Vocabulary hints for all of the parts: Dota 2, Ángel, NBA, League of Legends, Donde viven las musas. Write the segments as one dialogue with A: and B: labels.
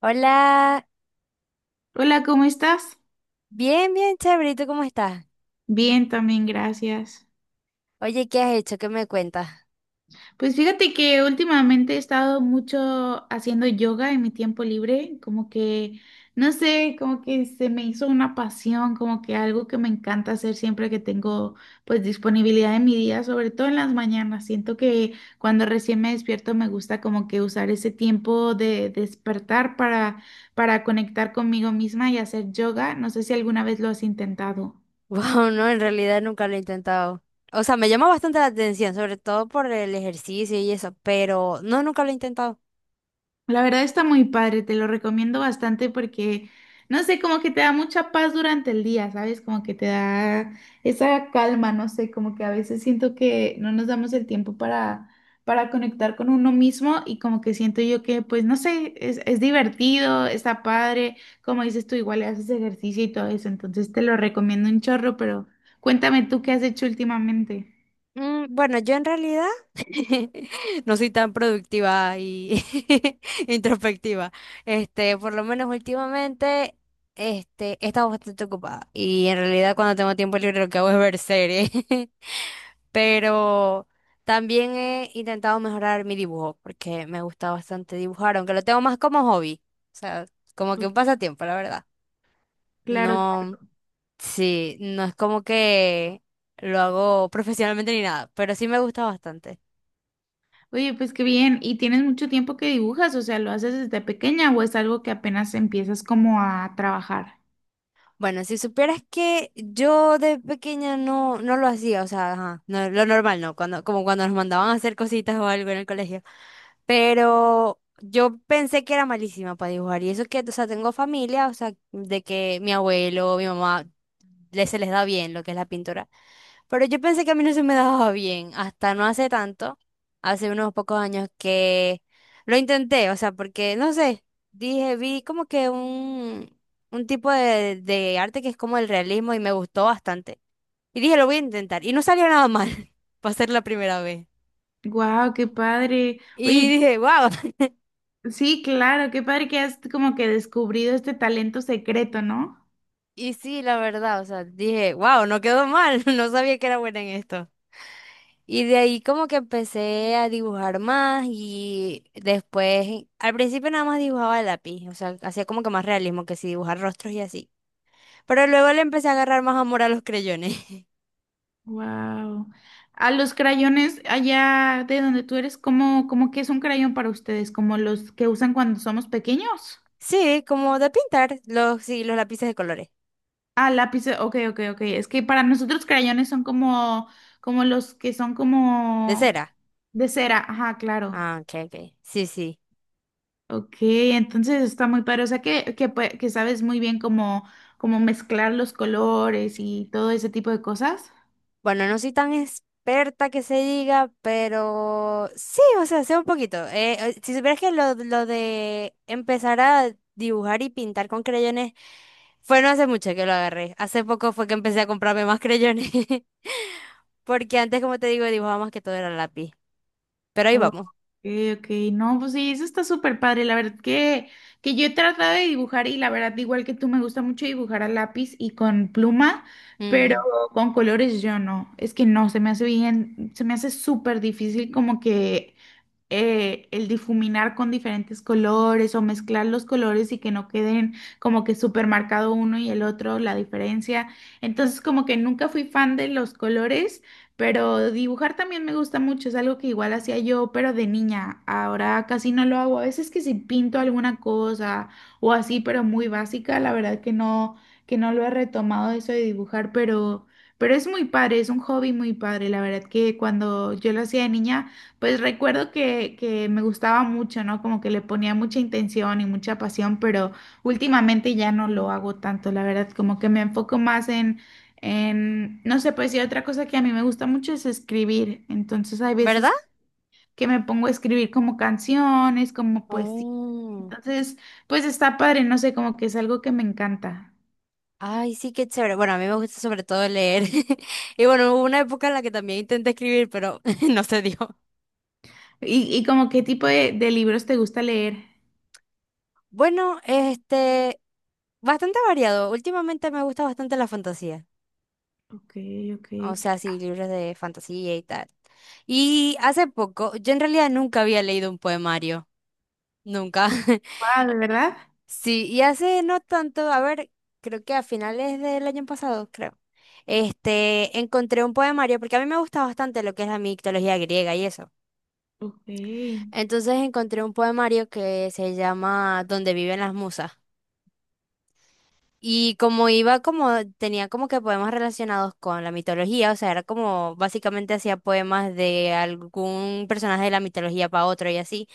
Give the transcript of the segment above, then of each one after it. A: Hola,
B: Hola, ¿cómo estás?
A: bien, bien, chévere, ¿y tú cómo estás?
B: Bien, también, gracias.
A: Oye, ¿qué has hecho? ¿Qué me cuentas?
B: Pues fíjate que últimamente he estado mucho haciendo yoga en mi tiempo libre, como que, no sé, como que se me hizo una pasión, como que algo que me encanta hacer siempre que tengo pues disponibilidad en mi día, sobre todo en las mañanas. Siento que cuando recién me despierto me gusta como que usar ese tiempo de despertar para conectar conmigo misma y hacer yoga. No sé si alguna vez lo has intentado.
A: Wow, no, en realidad nunca lo he intentado. O sea, me llama bastante la atención, sobre todo por el ejercicio y eso, pero no, nunca lo he intentado.
B: La verdad está muy padre, te lo recomiendo bastante porque, no sé, como que te da mucha paz durante el día, ¿sabes? Como que te da esa calma, no sé, como que a veces siento que no nos damos el tiempo para conectar con uno mismo, y como que siento yo que, pues, no sé, es divertido, está padre, como dices tú, igual haces ejercicio y todo eso, entonces te lo recomiendo un chorro, pero cuéntame tú qué has hecho últimamente.
A: Bueno, yo en realidad no soy tan productiva y introspectiva. Por lo menos últimamente, he estado bastante ocupada y en realidad cuando tengo tiempo libre lo que hago es ver series. Pero también he intentado mejorar mi dibujo porque me gusta bastante dibujar, aunque lo tengo más como hobby, o sea, como que
B: Claro.
A: un pasatiempo, la verdad.
B: Claro.
A: No, sí, no es como que lo hago profesionalmente ni nada, pero sí me gusta bastante.
B: Oye, pues qué bien. ¿Y tienes mucho tiempo que dibujas? O sea, ¿lo haces desde pequeña o es algo que apenas empiezas como a trabajar?
A: Bueno, si supieras que yo de pequeña no, no lo hacía, o sea, ajá, lo normal, ¿no? Como cuando nos mandaban a hacer cositas o algo en el colegio. Pero yo pensé que era malísima para dibujar. Y eso que, o sea, tengo familia, o sea, de que mi abuelo, mi mamá, se les da bien lo que es la pintura. Pero yo pensé que a mí no se me daba bien, hasta no hace tanto, hace unos pocos años que lo intenté, o sea, porque, no sé, dije, vi como que un tipo de arte que es como el realismo y me gustó bastante. Y dije, lo voy a intentar. Y no salió nada mal para ser la primera vez.
B: Guau, qué padre.
A: Y
B: Oye,
A: dije, wow.
B: sí, claro, qué padre que has como que descubrido este talento secreto, ¿no?
A: Y sí, la verdad, o sea, dije, wow, no quedó mal. No sabía que era buena en esto. Y de ahí como que empecé a dibujar más y después, al principio nada más dibujaba de lápiz, o sea, hacía como que más realismo, que si dibujar rostros y así. Pero luego le empecé a agarrar más amor a los creyones.
B: Wow. A los crayones allá de donde tú eres, ¿cómo que es un crayón para ustedes? ¿Como los que usan cuando somos pequeños?
A: Sí, como de pintar los, sí, los lápices de colores,
B: Ah, lápices. Ok, ok, ok. Es que para nosotros crayones son como los que son
A: de
B: como
A: cera.
B: de cera. Ajá, claro.
A: Ah, ok, ok. Sí, sí.
B: Ok, entonces está muy padre. O sea que sabes muy bien cómo mezclar los colores y todo ese tipo de cosas.
A: Bueno, no soy tan experta que se diga, pero sí, o sea, sé un poquito. Si supieras que lo de empezar a dibujar y pintar con creyones fue no hace mucho que lo agarré. Hace poco fue que empecé a comprarme más creyones. Porque antes, como te digo, dibujaba más que todo era lápiz. Pero ahí
B: Ok,
A: vamos.
B: ok, no, pues sí, eso está súper padre. La verdad que yo he tratado de dibujar, y la verdad, igual que tú, me gusta mucho dibujar a lápiz y con pluma, pero
A: Mm.
B: con colores yo no. Es que no, se me hace bien, se me hace súper difícil como que el difuminar con diferentes colores o mezclar los colores y que no queden como que súper marcado uno y el otro, la diferencia. Entonces, como que nunca fui fan de los colores, pero dibujar también me gusta mucho, es algo que igual hacía yo, pero de niña. Ahora casi no lo hago. A veces que si pinto alguna cosa o así, pero muy básica, la verdad que no lo he retomado eso de dibujar, pero. Pero es muy padre, es un hobby muy padre. La verdad que cuando yo lo hacía de niña, pues recuerdo que me gustaba mucho, ¿no? Como que le ponía mucha intención y mucha pasión, pero últimamente ya no lo hago tanto, la verdad, como que me enfoco más en, no sé, pues, y otra cosa que a mí me gusta mucho es escribir, entonces hay
A: ¿Verdad?
B: veces que me pongo a escribir como canciones, como poesía,
A: Oh,
B: entonces, pues está padre, no sé, como que es algo que me encanta.
A: ay, sí, qué chévere. Bueno, a mí me gusta sobre todo leer. Y bueno, hubo una época en la que también intenté escribir, pero no se dio.
B: ¿Y como qué tipo de libros te gusta leer?
A: Bueno, bastante variado. Últimamente me gusta bastante la fantasía.
B: Ok, ok.
A: O sea, sí, libros de fantasía y tal. Y hace poco, yo en realidad nunca había leído un poemario. Nunca.
B: Wow, ¿de verdad?
A: Sí, y hace no tanto, a ver, creo que a finales del año pasado, creo. Encontré un poemario, porque a mí me gusta bastante lo que es la mitología griega y eso.
B: Ok.
A: Entonces encontré un poemario que se llama Donde viven las musas. Y como iba como, Tenía como que poemas relacionados con la mitología, o sea, era como básicamente hacía poemas de algún personaje de la mitología para otro y así.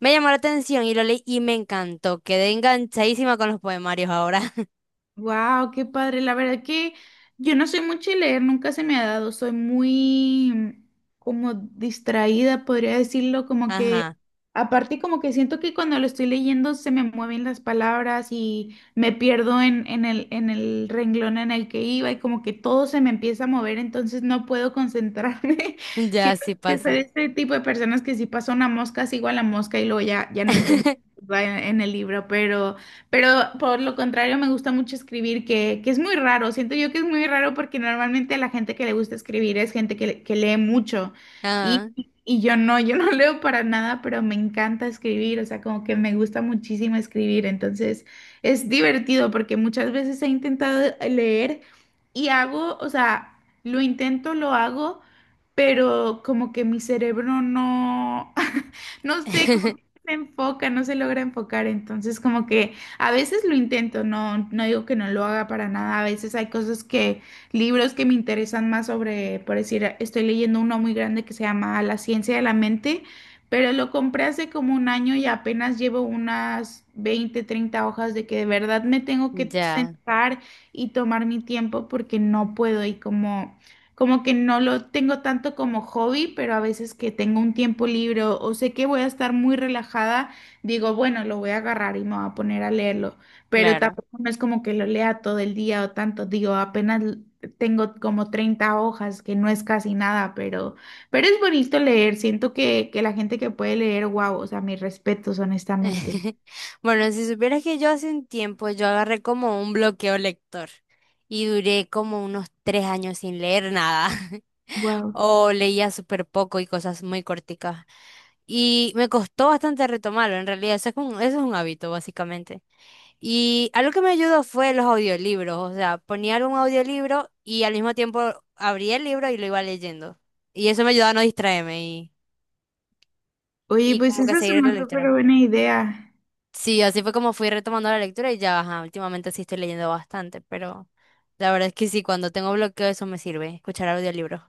A: Me llamó la atención y lo leí y me encantó. Quedé enganchadísima con los poemarios ahora.
B: Wow, qué padre. La verdad que yo no soy mucho de leer, nunca se me ha dado. Soy muy como distraída, podría decirlo, como que
A: Ajá,
B: aparte como que siento que cuando lo estoy leyendo se me mueven las palabras y me pierdo en el renglón en el que iba, y como que todo se me empieza a mover, entonces no puedo concentrarme.
A: ya
B: Siento
A: sí
B: que soy
A: pasa.
B: de este tipo de personas que si pasa una mosca, sigo a la mosca y luego ya no entendí en en el libro, pero por lo contrario, me gusta mucho escribir, que es muy raro. Siento yo que es muy raro porque normalmente la gente que le gusta escribir es gente que lee mucho. Y,
A: Ah,
B: y yo no leo para nada, pero me encanta escribir. O sea, como que me gusta muchísimo escribir. Entonces, es divertido porque muchas veces he intentado leer y hago, o sea, lo intento, lo hago, pero como que mi cerebro no, no sé, como que no se enfoca, no se logra enfocar. Entonces, como que. A veces lo intento, no, no digo que no lo haga para nada. A veces hay cosas que, libros que me interesan más sobre, por decir, estoy leyendo uno muy grande que se llama La ciencia de la mente, pero lo compré hace como un año y apenas llevo unas 20, 30 hojas, de que de verdad me tengo que
A: ya,
B: sentar y tomar mi tiempo porque no puedo y como. Como que no lo tengo tanto como hobby, pero a veces que tengo un tiempo libre o sé que voy a estar muy relajada, digo, bueno, lo voy a agarrar y me voy a poner a leerlo, pero
A: claro.
B: tampoco no es como que lo lea todo el día o tanto, digo, apenas tengo como 30 hojas, que no es casi nada, pero es bonito leer, siento que la gente que puede leer, wow, o sea, mis respetos, honestamente.
A: Bueno, si supieras que yo hace un tiempo yo agarré como un bloqueo lector y duré como unos 3 años sin leer nada.
B: Wow.
A: O leía súper poco y cosas muy corticas. Y me costó bastante retomarlo, en realidad, eso es un hábito, básicamente. Y algo que me ayudó fue los audiolibros, o sea, ponía algún audiolibro y al mismo tiempo abría el libro y lo iba leyendo. Y eso me ayudaba a no distraerme y,
B: Oye,
A: y
B: pues
A: como que
B: esa es
A: seguir
B: una
A: la
B: súper
A: lectura.
B: buena idea.
A: Sí, así fue como fui retomando la lectura y ya, ajá, últimamente sí estoy leyendo bastante, pero la verdad es que sí, cuando tengo bloqueo eso me sirve, escuchar audiolibros.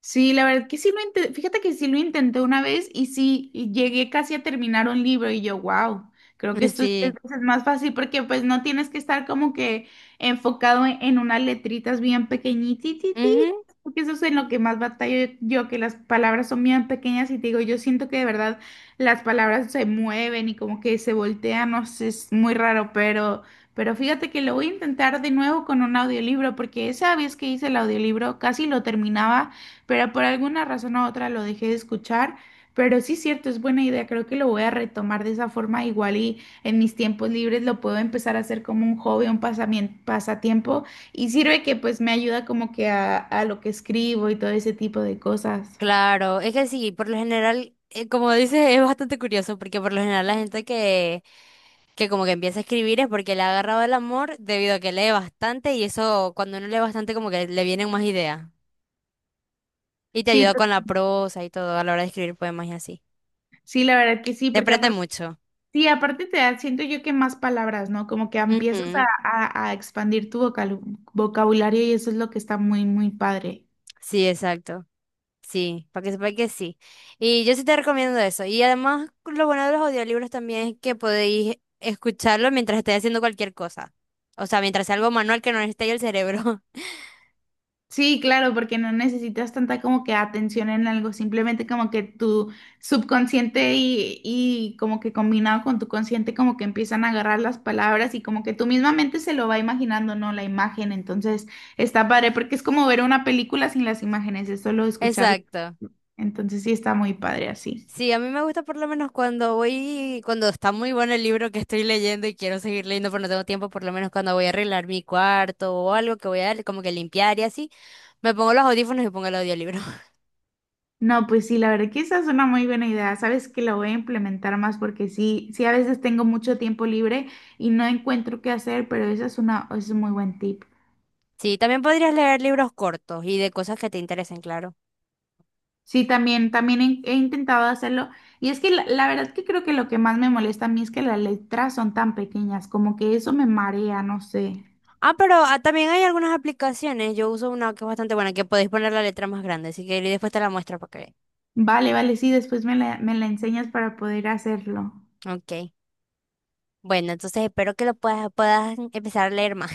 B: Sí, la verdad que sí lo intenté, fíjate que sí lo intenté una vez y sí y llegué casi a terminar un libro y yo, wow, creo que esto es diez
A: Sí.
B: veces más fácil porque pues no tienes que estar como que enfocado en unas letritas bien pequeñititas,
A: Ujú.
B: porque eso es en lo que más batallo yo, que las palabras son bien pequeñas y te digo, yo siento que de verdad las palabras se mueven y como que se voltean, no sé, es muy raro, pero. Pero fíjate que lo voy a intentar de nuevo con un audiolibro, porque esa vez que hice el audiolibro casi lo terminaba, pero por alguna razón u otra lo dejé de escuchar. Pero sí, cierto, es buena idea. Creo que lo voy a retomar de esa forma. Igual y en mis tiempos libres lo puedo empezar a hacer como un hobby, un pasatiempo. Y sirve que pues me ayuda como que a lo que escribo y todo ese tipo de cosas.
A: Claro, es que sí, por lo general, como dices, es bastante curioso porque por lo general la gente que como que empieza a escribir es porque le ha agarrado el amor debido a que lee bastante y eso cuando uno lee bastante como que le vienen más ideas y te
B: Sí,
A: ayuda con la prosa y todo a la hora de escribir poemas y así.
B: sí, la verdad que sí,
A: Te
B: porque
A: aprende
B: aparte,
A: mucho.
B: sí, aparte te da, siento yo que más palabras, ¿no? Como que empiezas a,
A: Ujú.
B: a- a expandir tu vocabulario, y eso es lo que está muy, muy padre.
A: Sí, exacto. Sí, para que sepa que sí. Y yo sí te recomiendo eso. Y además lo bueno de los audiolibros también es que podéis escucharlo mientras estéis haciendo cualquier cosa. O sea, mientras sea algo manual que no necesite el cerebro.
B: Sí, claro, porque no necesitas tanta como que atención en algo, simplemente como que tu subconsciente y como que combinado con tu consciente como que empiezan a agarrar las palabras, y como que tu misma mente se lo va imaginando, ¿no? La imagen, entonces está padre porque es como ver una película sin las imágenes, es solo escucharla,
A: Exacto.
B: entonces sí está muy padre así.
A: Sí, a mí me gusta por lo menos cuando está muy bueno el libro que estoy leyendo y quiero seguir leyendo pero no tengo tiempo, por lo menos cuando voy a arreglar mi cuarto o algo que voy a como que limpiar y así, me pongo los audífonos y pongo el audiolibro.
B: No, pues sí, la verdad que esa es una muy buena idea. Sabes que la voy a implementar más porque sí, sí a veces tengo mucho tiempo libre y no encuentro qué hacer, pero esa es una, es un muy buen tip.
A: Sí, también podrías leer libros cortos y de cosas que te interesen, claro.
B: Sí, también, también he intentado hacerlo, y es que la verdad que creo que lo que más me molesta a mí es que las letras son tan pequeñas, como que eso me marea, no sé.
A: Ah, pero también hay algunas aplicaciones, yo uso una que es bastante buena, que podéis poner la letra más grande, así que después te la muestro para que veas.
B: Vale, vale, sí, después me la enseñas para poder hacerlo.
A: Ok. Bueno, entonces espero que lo puedas empezar a leer más.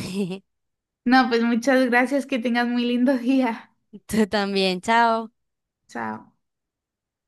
B: No, pues muchas gracias, que tengas muy lindo día.
A: Tú también, chao.
B: Chao.